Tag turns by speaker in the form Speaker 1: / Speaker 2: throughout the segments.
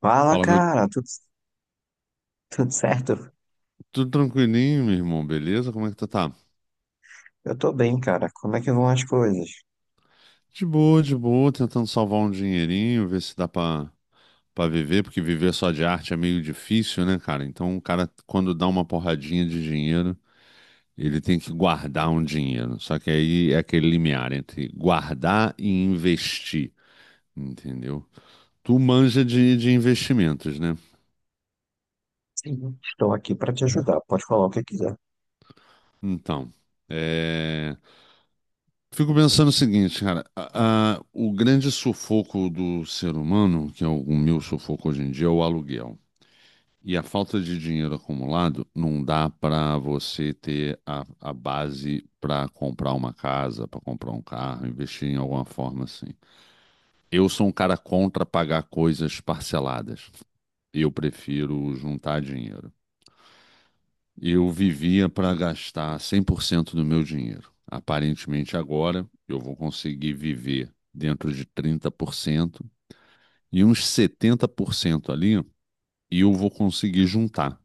Speaker 1: Fala,
Speaker 2: Fala, meu.
Speaker 1: cara, tudo certo?
Speaker 2: Tudo tranquilinho, meu irmão, beleza? Como é que tu tá?
Speaker 1: Eu tô bem, cara. Como é que vão as coisas?
Speaker 2: De boa, tentando salvar um dinheirinho, ver se dá pra viver, porque viver só de arte é meio difícil, né, cara? Então, o cara, quando dá uma porradinha de dinheiro, ele tem que guardar um dinheiro. Só que aí é aquele limiar entre guardar e investir, entendeu? Tu manja de investimentos, né?
Speaker 1: Sim. Estou aqui para te ajudar. Pode falar o que quiser.
Speaker 2: Então, é. Fico pensando o seguinte, cara, o grande sufoco do ser humano, que é o meu sufoco hoje em dia, é o aluguel. E a falta de dinheiro acumulado não dá para você ter a base para comprar uma casa, para comprar um carro, investir em alguma forma assim. Eu sou um cara contra pagar coisas parceladas. Eu prefiro juntar dinheiro. Eu vivia para gastar 100% do meu dinheiro. Aparentemente, agora eu vou conseguir viver dentro de 30% e uns 70% ali e eu vou conseguir juntar.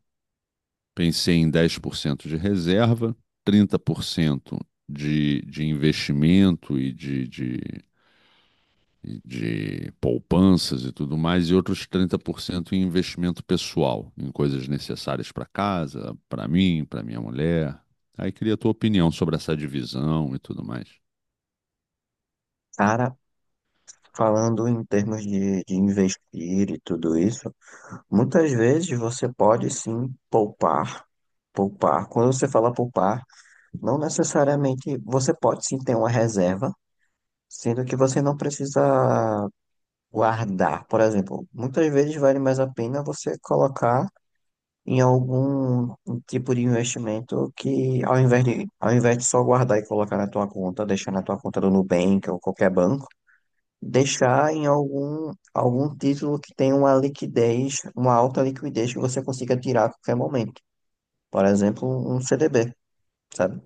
Speaker 2: Pensei em 10% de reserva, 30% de investimento e de poupanças e tudo mais, e outros 30% em investimento pessoal, em coisas necessárias para casa, para mim, para minha mulher. Aí queria a tua opinião sobre essa divisão e tudo mais.
Speaker 1: Cara, falando em termos de investir e tudo isso, muitas vezes você pode sim poupar. Poupar. Quando você fala poupar, não necessariamente você pode sim ter uma reserva, sendo que você não precisa guardar. Por exemplo, muitas vezes vale mais a pena você colocar em algum tipo de investimento que ao invés de só guardar e colocar na tua conta, deixar na tua conta do Nubank ou qualquer banco, deixar em algum título que tenha uma liquidez, uma alta liquidez que você consiga tirar a qualquer momento. Por exemplo, um CDB, sabe?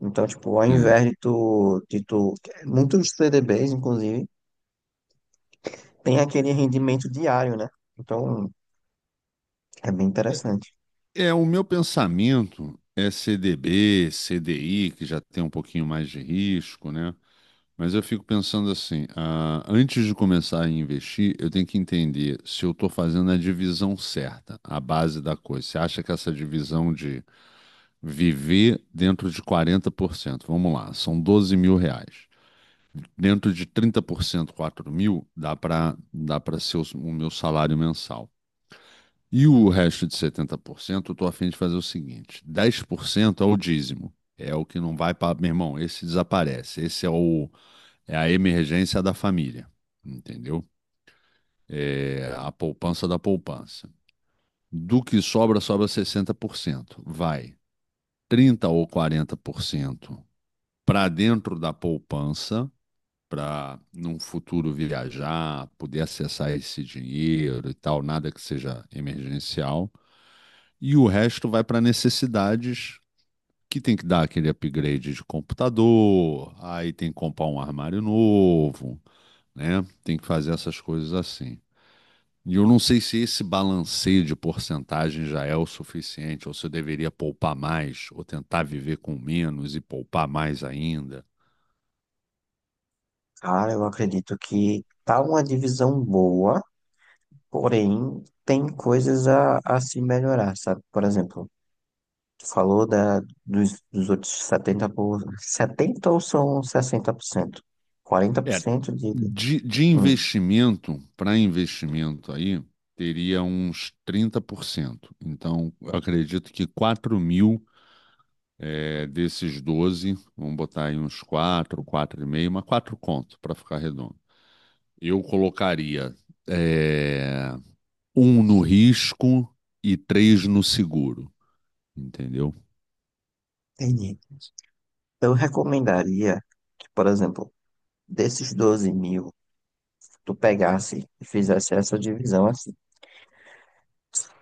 Speaker 1: Então, tipo, ao
Speaker 2: É.
Speaker 1: invés de tu, muitos CDBs, inclusive, tem aquele rendimento diário, né? Então, é bem
Speaker 2: É,
Speaker 1: interessante.
Speaker 2: é, o meu pensamento é CDB, CDI, que já tem um pouquinho mais de risco, né? Mas eu fico pensando assim, ah, antes de começar a investir, eu tenho que entender se eu estou fazendo a divisão certa, a base da coisa. Você acha que essa divisão de viver dentro de 40%? Vamos lá, são R$ 12.000. Dentro de 30%, 4 mil, dá para ser o meu salário mensal. E o resto de 70%, eu estou a fim de fazer o seguinte: 10% é o dízimo. É o que não vai para. Meu irmão, esse desaparece. Esse é a emergência da família. Entendeu? É a poupança da poupança. Do que sobra, sobra 60%. Vai 30% ou 40% para dentro da poupança, para num futuro viajar, poder acessar esse dinheiro e tal, nada que seja emergencial. E o resto vai para necessidades que tem que dar aquele upgrade de computador, aí tem que comprar um armário novo, né? Tem que fazer essas coisas assim. E eu não sei se esse balanceio de porcentagem já é o suficiente, ou se eu deveria poupar mais, ou tentar viver com menos e poupar mais ainda.
Speaker 1: Cara, eu acredito que tá uma divisão boa, porém tem coisas a se melhorar, sabe? Por exemplo, tu falou dos outros 70 ou são 60%, quarenta por
Speaker 2: É,
Speaker 1: cento de...
Speaker 2: de
Speaker 1: Hum,
Speaker 2: investimento para investimento aí, teria uns 30%. Então, eu acredito que 4.000 é, desses 12, vamos botar aí uns quatro, quatro e meio, mas 4 conto para ficar redondo. Eu colocaria é, um no risco e três no seguro, entendeu?
Speaker 1: entendi. Eu recomendaria que, por exemplo, desses 12 mil, tu pegasse e fizesse essa divisão assim: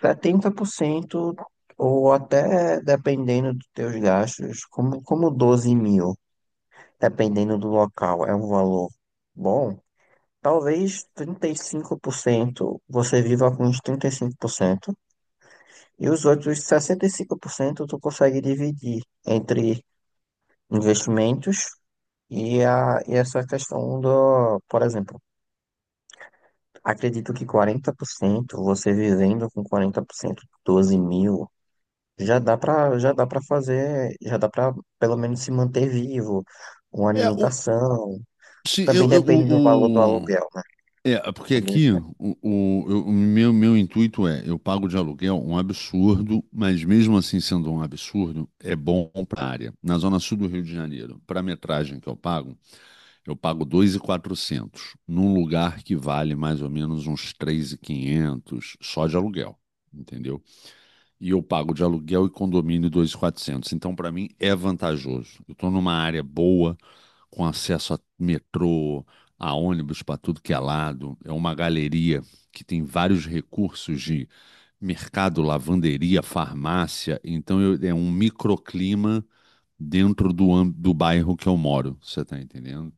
Speaker 1: 70%, ou até, dependendo dos teus gastos, como, como 12 mil, dependendo do local, é um valor bom. Talvez 35%, você viva com uns 35% e 5%, e os outros 65% tu consegue dividir entre investimentos e, a, e essa questão do, por exemplo, acredito que 40%, você vivendo com 40%, 12 mil, já dá pra, já dá pra pelo menos se manter vivo, uma
Speaker 2: É, o,
Speaker 1: alimentação,
Speaker 2: sim.
Speaker 1: também
Speaker 2: eu, eu-
Speaker 1: depende do valor do
Speaker 2: o, o-
Speaker 1: aluguel, né?
Speaker 2: é, é porque
Speaker 1: Também
Speaker 2: aqui
Speaker 1: é
Speaker 2: o meu intuito é, eu pago de aluguel um absurdo, mas mesmo assim sendo um absurdo, é bom para a área. Na zona sul do Rio de Janeiro, para a metragem que eu pago, eu pago 2.400 num lugar que vale mais ou menos uns 3.500 só de aluguel, entendeu? E eu pago de aluguel e condomínio 2.400. Então, para mim, é vantajoso. Eu estou numa área boa, com acesso a metrô, a ônibus para tudo que é lado. É uma galeria que tem vários recursos de mercado, lavanderia, farmácia. Então, eu- é um microclima dentro do bairro que eu moro, você está entendendo?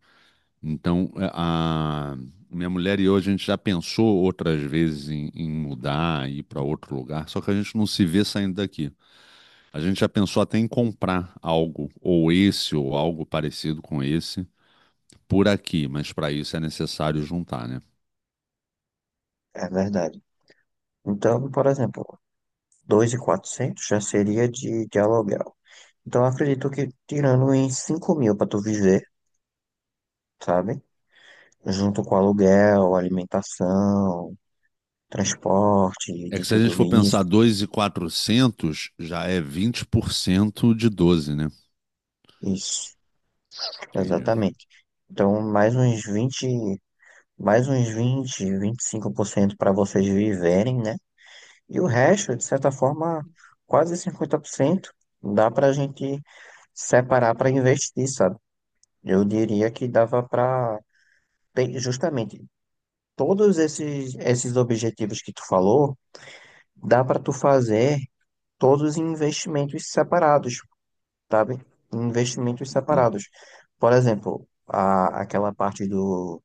Speaker 2: Então, minha mulher e eu, a gente já pensou outras vezes em mudar, ir para outro lugar, só que a gente não se vê saindo daqui. A gente já pensou até em comprar algo, ou esse, ou algo parecido com esse, por aqui, mas para isso é necessário juntar, né?
Speaker 1: é verdade. Então, por exemplo, 2.400 já seria de aluguel. Então, eu acredito que tirando em 5 mil para tu viver, sabe? Junto com aluguel, alimentação, transporte,
Speaker 2: É
Speaker 1: de
Speaker 2: que se a gente
Speaker 1: tudo
Speaker 2: for pensar
Speaker 1: isso.
Speaker 2: 2.400 já é 20% de 12, né?
Speaker 1: Isso,
Speaker 2: Entendi.
Speaker 1: exatamente. Então, mais uns vinte, 25% para vocês viverem, né? E o resto, de certa forma, quase 50% dá para a gente separar para investir, sabe? Eu diria que dava para justamente todos esses, esses objetivos que tu falou, dá para tu fazer todos em investimentos separados, sabe? Em investimentos separados. Por exemplo, a, aquela parte do,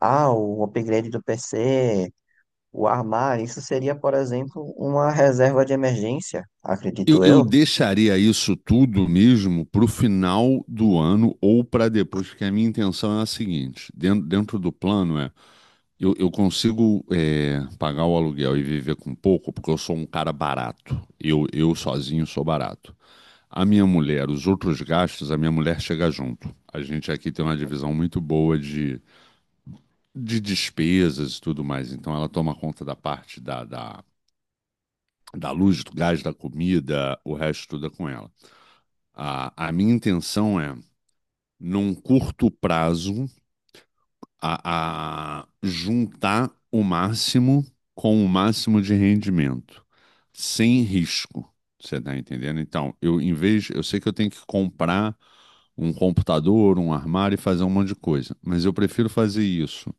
Speaker 1: ah, o upgrade do PC, o armário, isso seria, por exemplo, uma reserva de emergência,
Speaker 2: Eu,
Speaker 1: acredito
Speaker 2: eu
Speaker 1: eu.
Speaker 2: deixaria isso tudo mesmo para o final do ano ou para depois, porque a minha intenção é a seguinte: dentro do plano é eu consigo pagar o aluguel e viver com pouco, porque eu sou um cara barato. Eu sozinho sou barato. A minha mulher, os outros gastos, a minha mulher chega junto. A gente aqui tem uma divisão muito boa de despesas e tudo mais. Então ela toma conta da parte da luz, do gás, da comida, o resto tudo é com ela. A minha intenção é, num curto prazo, a juntar o máximo com o máximo de rendimento, sem risco. Você tá entendendo? Então, eu em vez, eu sei que eu tenho que comprar um computador, um armário e fazer um monte de coisa, mas eu prefiro fazer isso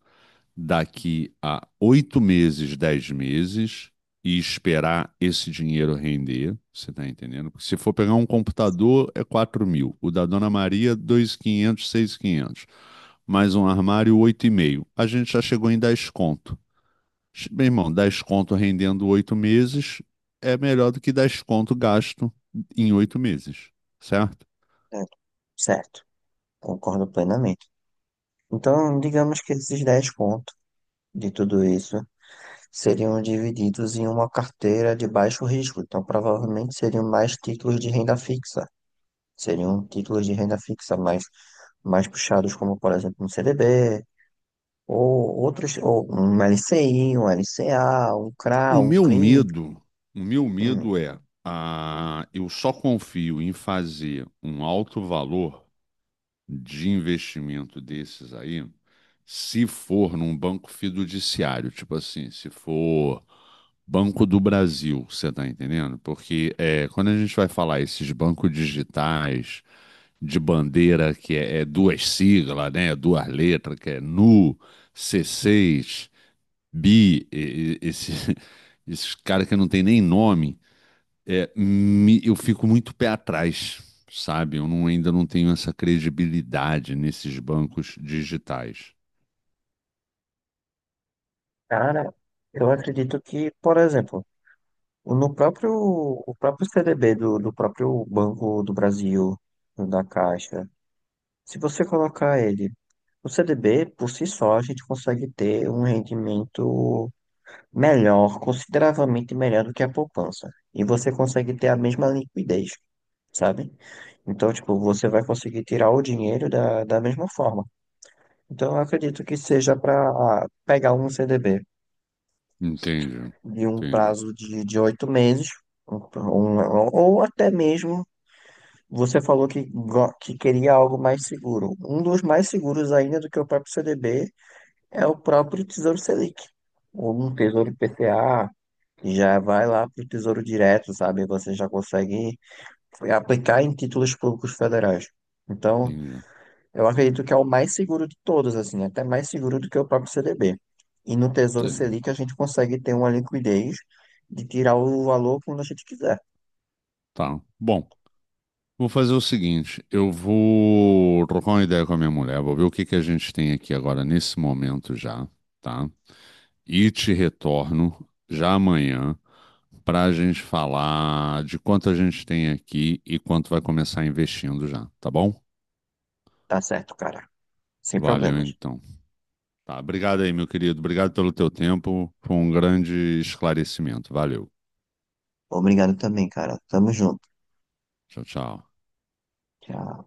Speaker 2: daqui a 8 meses, 10 meses e esperar esse dinheiro render, você tá entendendo? Porque se for pegar um computador, é 4.000. O da Dona Maria, 2,500, quinhentos. Mais um armário, oito e meio. A gente já chegou em 10 conto. Meu irmão, 10 conto rendendo 8 meses é melhor do que 10 conto gasto em 8 meses, certo?
Speaker 1: Certo, certo, concordo plenamente. Então, digamos que esses 10 pontos de tudo isso seriam divididos em uma carteira de baixo risco, então provavelmente seriam mais títulos de renda fixa, seriam títulos de renda fixa mais, mais puxados, como por exemplo um CDB, ou outros, ou um LCI, um LCA, um CRA,
Speaker 2: O
Speaker 1: um
Speaker 2: meu
Speaker 1: CRI.
Speaker 2: medo, o meu
Speaker 1: Hum,
Speaker 2: medo é, eu só confio em fazer um alto valor de investimento desses aí, se for num banco fiduciário, tipo assim, se for Banco do Brasil, você tá entendendo? Porque é, quando a gente vai falar esses bancos digitais de bandeira que é duas siglas, né, duas letras, que é NU, C6 Bi, esses caras que não tem nem nome, eu fico muito pé atrás, sabe? Eu não- Ainda não tenho essa credibilidade nesses bancos digitais.
Speaker 1: Cara, eu acredito que, por exemplo, no próprio, o próprio CDB do, do próprio Banco do Brasil, da Caixa, se você colocar ele, o CDB, por si só, a gente consegue ter um rendimento melhor, consideravelmente melhor do que a poupança. E você consegue ter a mesma liquidez, sabe? Então, tipo, você vai conseguir tirar o dinheiro da mesma forma. Então, eu acredito que seja para pegar um CDB
Speaker 2: Entende?
Speaker 1: de um
Speaker 2: Entende?
Speaker 1: prazo de 8 meses, ou até mesmo, você falou que, que queria algo mais seguro. Um dos mais seguros ainda do que o próprio CDB é o próprio Tesouro Selic, ou um Tesouro IPCA, que já vai lá para o Tesouro Direto, sabe? Você já consegue aplicar em títulos públicos federais. Então,
Speaker 2: Entende?
Speaker 1: eu acredito que é o mais seguro de todos, assim, até mais seguro do que o próprio CDB. E no Tesouro
Speaker 2: Tá.
Speaker 1: Selic a gente consegue ter uma liquidez de tirar o valor quando a gente quiser.
Speaker 2: Tá. Bom, vou fazer o seguinte: eu vou trocar uma ideia com a minha mulher, vou ver o que que a gente tem aqui agora nesse momento já, tá? E te retorno já amanhã para a gente falar de quanto a gente tem aqui e quanto vai começar investindo já, tá bom?
Speaker 1: Tá certo, cara. Sem
Speaker 2: Valeu
Speaker 1: problemas.
Speaker 2: então. Tá, obrigado aí, meu querido. Obrigado pelo teu tempo. Foi um grande esclarecimento. Valeu.
Speaker 1: Obrigado também, cara. Tamo junto.
Speaker 2: Tchau, tchau.
Speaker 1: Tchau.